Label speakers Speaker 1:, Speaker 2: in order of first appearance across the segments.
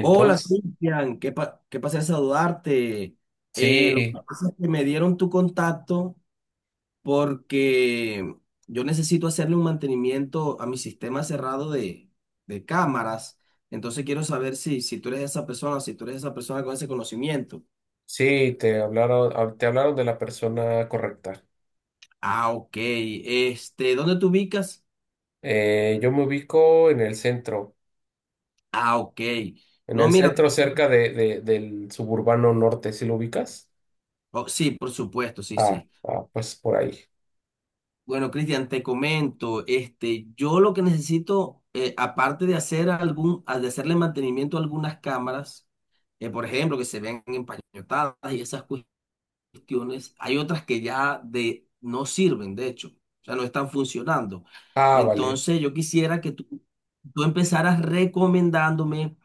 Speaker 1: Hola, Cristian, qué pasé a saludarte. Lo que
Speaker 2: sí,
Speaker 1: pasa es que me dieron tu contacto porque yo necesito hacerle un mantenimiento a mi sistema cerrado de cámaras. Entonces quiero saber si tú eres esa persona, si tú eres esa persona con ese conocimiento.
Speaker 2: sí, te hablaron, te hablaron de la persona correcta.
Speaker 1: Ah, ok. Este, ¿dónde te ubicas?
Speaker 2: Yo me ubico
Speaker 1: Ah, ok.
Speaker 2: en
Speaker 1: No,
Speaker 2: el
Speaker 1: mira,
Speaker 2: centro cerca de, del suburbano norte, ¿sí lo ubicas?
Speaker 1: oh, sí, por supuesto, sí,
Speaker 2: Ah,
Speaker 1: sí.
Speaker 2: ah, pues por ahí.
Speaker 1: Bueno, Cristian, te comento, este, yo lo que necesito, aparte de hacer de hacerle mantenimiento a algunas cámaras, por ejemplo, que se vean empañotadas y esas cuestiones, hay otras que ya no sirven, de hecho, o sea, no están funcionando.
Speaker 2: Ah, vale.
Speaker 1: Entonces, yo quisiera que tú empezaras recomendándome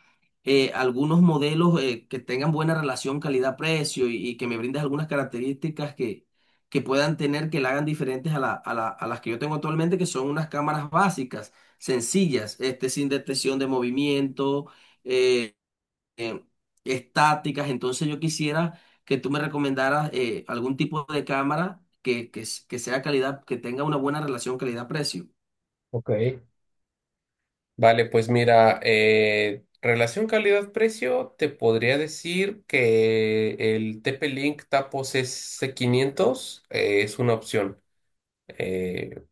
Speaker 1: algunos modelos que tengan buena relación calidad-precio y que me brindes algunas características que puedan tener, que la hagan diferentes a las que yo tengo actualmente, que son unas cámaras básicas, sencillas, este, sin detección de movimiento. eh, eh, Estáticas. Entonces yo quisiera que tú me recomendaras algún tipo de cámara que sea calidad, que tenga una buena relación calidad-precio.
Speaker 2: Ok, vale, pues mira, relación calidad-precio, te podría decir que el TP-Link Tapos S500 es una opción. Eh,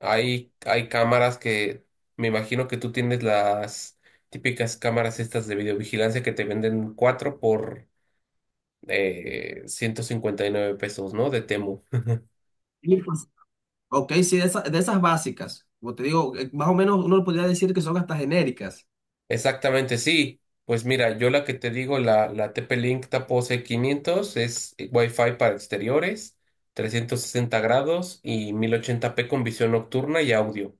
Speaker 2: hay cámaras que me imagino que tú tienes las típicas cámaras estas de videovigilancia que te venden cuatro por 159 pesos, ¿no? De Temu.
Speaker 1: Sí, pues. Ok, sí, de esas básicas. Como te digo, más o menos uno podría decir que son hasta genéricas.
Speaker 2: Exactamente, sí. Pues mira, yo la que te digo, la TP-Link Tapose 500 es Wi-Fi para exteriores, 360 grados y 1080p con visión nocturna y audio.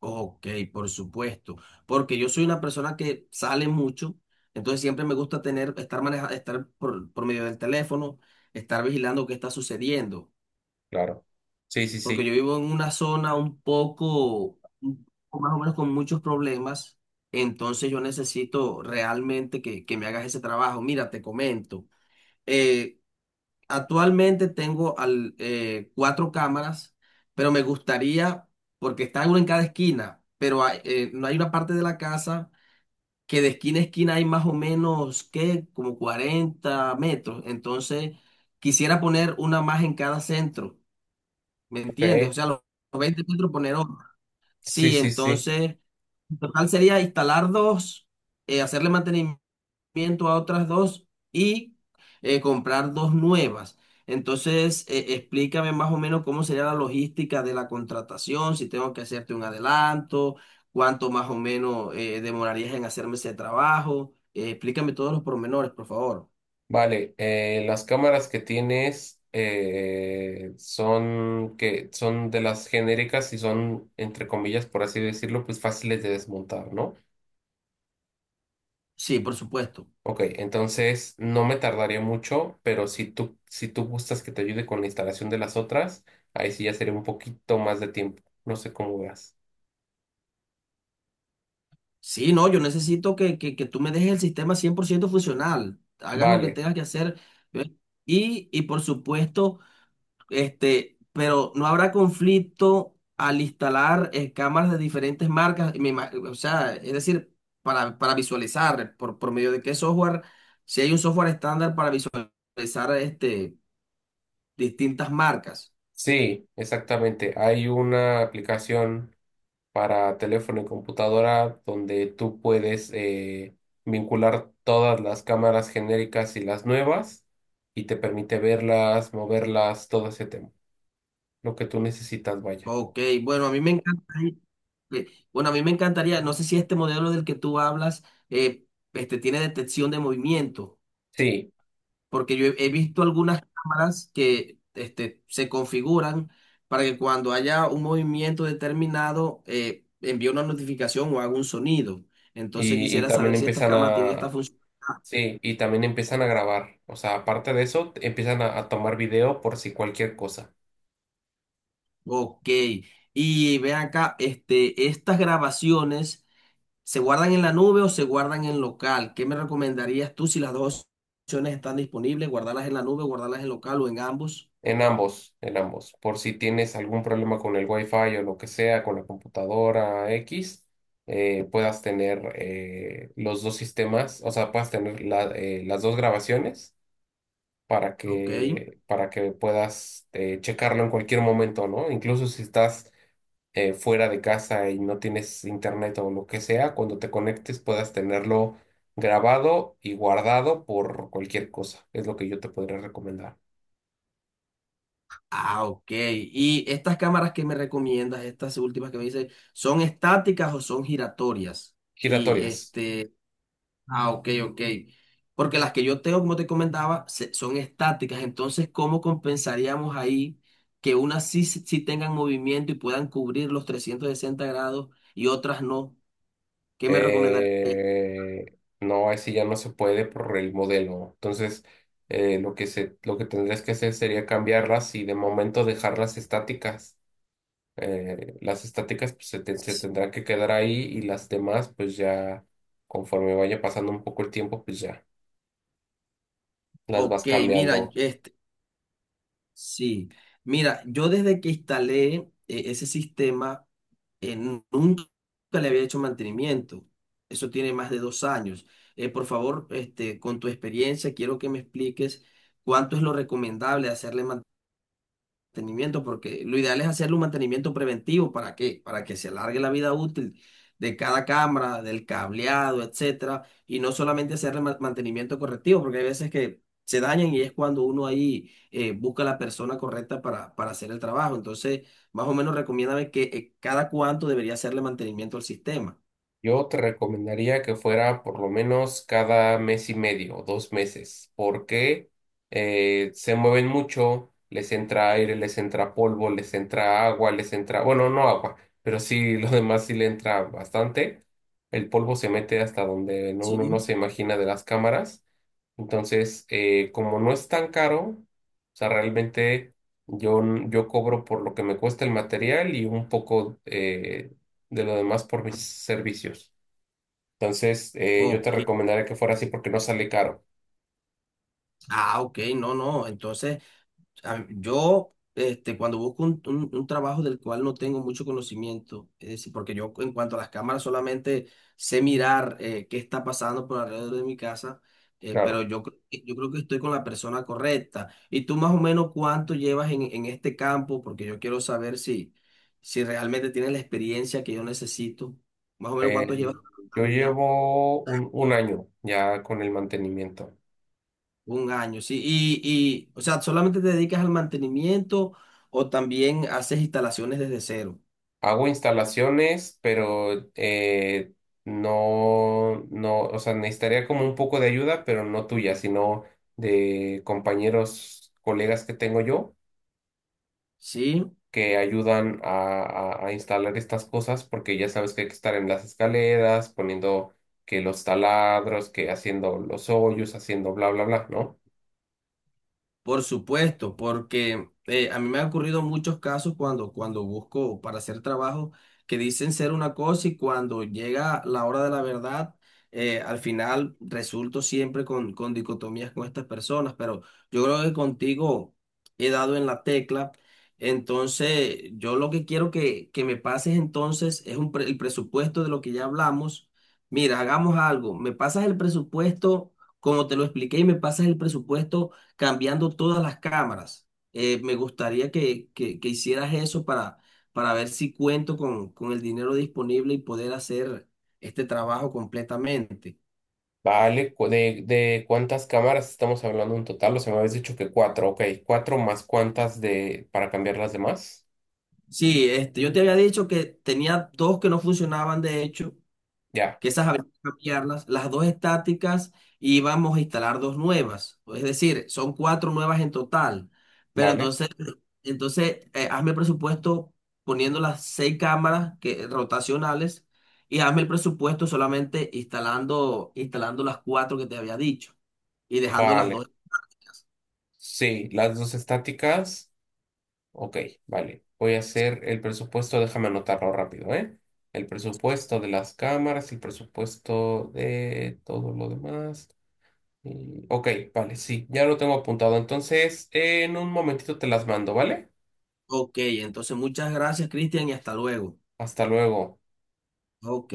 Speaker 1: Ok, por supuesto. Porque yo soy una persona que sale mucho, entonces siempre me gusta tener, estar manejando, estar por medio del teléfono, estar vigilando qué está sucediendo.
Speaker 2: Claro. Sí, sí,
Speaker 1: Porque
Speaker 2: sí.
Speaker 1: yo vivo en una zona un poco más o menos con muchos problemas, entonces yo necesito realmente que me hagas ese trabajo. Mira, te comento, eh, actualmente tengo cuatro cámaras, pero me gustaría, porque está uno en cada esquina, pero no hay una parte de la casa que de esquina a esquina hay más o menos, ¿qué? Como 40 metros, entonces quisiera poner una más en cada centro. ¿Me entiendes?
Speaker 2: Ok.
Speaker 1: O sea, los 20 metros poner otro.
Speaker 2: Sí,
Speaker 1: Sí,
Speaker 2: sí, sí.
Speaker 1: entonces, en total sería instalar dos, hacerle mantenimiento a otras dos y comprar dos nuevas. Entonces, explícame más o menos cómo sería la logística de la contratación, si tengo que hacerte un adelanto, cuánto más o menos demorarías en hacerme ese trabajo. Explícame todos los pormenores, por favor.
Speaker 2: Vale, las cámaras que tienes son que son de las genéricas y son, entre comillas, por así decirlo, pues fáciles de desmontar, ¿no?
Speaker 1: Sí, por supuesto.
Speaker 2: Ok, entonces no me tardaría mucho, pero si tú gustas que te ayude con la instalación de las otras, ahí sí ya sería un poquito más de tiempo. No sé cómo veas.
Speaker 1: Sí, no, yo necesito que que tú me dejes el sistema 100% funcional, hagas lo que
Speaker 2: Vale,
Speaker 1: tengas que hacer. ¿Ve? Y por supuesto, este, pero no habrá conflicto al instalar cámaras de diferentes marcas, o sea, es decir, para visualizar por medio de qué software, si hay un software estándar para visualizar este, distintas marcas.
Speaker 2: sí, exactamente. Hay una aplicación para teléfono y computadora, donde tú puedes vincular todas las cámaras genéricas y las nuevas y te permite verlas, moverlas, todo ese tema, lo que tú necesitas, vaya.
Speaker 1: Ok, bueno, a mí me encanta. Eh, Bueno, a mí me encantaría, no sé si este modelo del que tú hablas eh, este, tiene detección de movimiento,
Speaker 2: Sí,
Speaker 1: porque yo he visto algunas cámaras que este, se configuran para que cuando haya un movimiento determinado envíe una notificación o haga un sonido. Entonces
Speaker 2: y, y
Speaker 1: quisiera
Speaker 2: también
Speaker 1: saber si estas
Speaker 2: empiezan
Speaker 1: cámaras tienen esta
Speaker 2: a,
Speaker 1: función.
Speaker 2: sí, y también empiezan a grabar, o sea, aparte de eso, empiezan a tomar video por si cualquier cosa.
Speaker 1: Ok. Y ve acá, este, estas grabaciones. ¿Se guardan en la nube o se guardan en local? ¿Qué me recomendarías tú si las dos opciones están disponibles? ¿Guardarlas en la nube, guardarlas en local o en ambos?
Speaker 2: En ambos, en ambos. Por si tienes algún problema con el Wi-Fi o lo que sea, con la computadora X, puedas tener los dos sistemas, o sea, puedas tener las dos grabaciones
Speaker 1: Ok.
Speaker 2: para que puedas checarlo en cualquier momento, ¿no? Incluso si estás fuera de casa y no tienes internet o lo que sea, cuando te conectes puedas tenerlo grabado y guardado por cualquier cosa. Es lo que yo te podría recomendar.
Speaker 1: Ah, ok. ¿Y estas cámaras que me recomiendas, estas últimas que me dices, son estáticas o son giratorias? Y
Speaker 2: Giratorias.
Speaker 1: este, ah, ok, ok. Porque las que yo tengo, como te comentaba, son estáticas. Entonces, ¿cómo compensaríamos ahí que unas sí, sí tengan movimiento y puedan cubrir los 360 grados y otras no? ¿Qué me recomendarías?
Speaker 2: No, así ya no se puede por el modelo. Entonces, lo que tendrías que hacer sería cambiarlas y de momento dejarlas estáticas. Las estáticas pues, se tendrán que quedar ahí y las demás, pues ya conforme vaya pasando un poco el tiempo, pues ya las vas
Speaker 1: Ok, mira,
Speaker 2: cambiando.
Speaker 1: este, sí. Mira, yo desde que instalé ese sistema, nunca le había hecho mantenimiento. Eso tiene más de 2 años. Por favor, este, con tu experiencia, quiero que me expliques cuánto es lo recomendable hacerle mantenimiento, porque lo ideal es hacerle un mantenimiento preventivo. ¿Para qué? Para que se alargue la vida útil de cada cámara, del cableado, etcétera, y no solamente hacerle mantenimiento correctivo, porque hay veces que se dañan y es cuando uno ahí busca la persona correcta para hacer el trabajo. Entonces, más o menos recomiéndame que cada cuánto debería hacerle mantenimiento al sistema.
Speaker 2: Yo te recomendaría que fuera por lo menos cada mes y medio o dos meses, porque se mueven mucho, les entra aire, les entra polvo, les entra agua, les entra, bueno, no agua, pero sí lo demás sí le entra bastante. El polvo se mete hasta donde
Speaker 1: Sí.
Speaker 2: uno no se imagina de las cámaras. Entonces, como no es tan caro, o sea, realmente yo, yo cobro por lo que me cuesta el material y un poco de lo demás por mis servicios. Entonces, yo te
Speaker 1: Ok.
Speaker 2: recomendaría que fuera así porque no sale caro.
Speaker 1: Ah, ok, no, no. Entonces. Yo, este, cuando busco un trabajo del cual no tengo mucho conocimiento, es decir, porque yo en cuanto a las cámaras solamente sé mirar qué está pasando por alrededor de mi casa, pero
Speaker 2: Claro.
Speaker 1: yo creo que estoy con la persona correcta. ¿Y tú más o menos cuánto llevas en este campo? Porque yo quiero saber si, si realmente tienes la experiencia que yo necesito. Más o menos
Speaker 2: Eh,
Speaker 1: cuánto llevas
Speaker 2: yo
Speaker 1: trabajando ya.
Speaker 2: llevo un año ya con el mantenimiento.
Speaker 1: Un año, sí. Y, o sea, ¿solamente te dedicas al mantenimiento o también haces instalaciones desde cero?
Speaker 2: Hago instalaciones, pero no, no, o sea, necesitaría como un poco de ayuda, pero no tuya, sino de compañeros, colegas que tengo yo
Speaker 1: Sí.
Speaker 2: que ayudan a, a instalar estas cosas, porque ya sabes que hay que estar en las escaleras, poniendo que los taladros, que haciendo los hoyos, haciendo bla, bla, bla, ¿no?
Speaker 1: Por supuesto, porque a mí me han ocurrido muchos casos cuando, cuando busco para hacer trabajo que dicen ser una cosa y cuando llega la hora de la verdad, al final resulto siempre con dicotomías con estas personas, pero yo creo que contigo he dado en la tecla. Entonces, yo lo que quiero que me pases entonces es un el presupuesto de lo que ya hablamos. Mira, hagamos algo. Me pasas el presupuesto como te lo expliqué y me pasas el presupuesto cambiando todas las cámaras. Me gustaría que, que hicieras eso para ver si cuento con el dinero disponible y poder hacer este trabajo completamente.
Speaker 2: Vale, de cuántas cámaras estamos hablando en total, o sea, me habías dicho que cuatro, ok, cuatro más cuántas de, para cambiar las demás,
Speaker 1: Sí, este, yo te había dicho que tenía dos que no funcionaban, de hecho,
Speaker 2: ya,
Speaker 1: piezas habría que cambiarlas, las dos estáticas y vamos a instalar dos nuevas. Es decir, son cuatro nuevas en total. Pero
Speaker 2: vale,
Speaker 1: entonces, entonces hazme el presupuesto poniendo las seis cámaras rotacionales y hazme el presupuesto solamente instalando las cuatro que te había dicho y dejando las
Speaker 2: vale,
Speaker 1: dos.
Speaker 2: sí, las dos estáticas. Ok, vale. Voy a hacer el presupuesto, déjame anotarlo rápido, ¿eh? El presupuesto de las cámaras, el presupuesto de todo lo demás. Ok, vale, sí, ya lo tengo apuntado. Entonces, en un momentito te las mando, ¿vale?
Speaker 1: Ok, entonces muchas gracias, Cristian, y hasta luego.
Speaker 2: Hasta luego.
Speaker 1: Ok.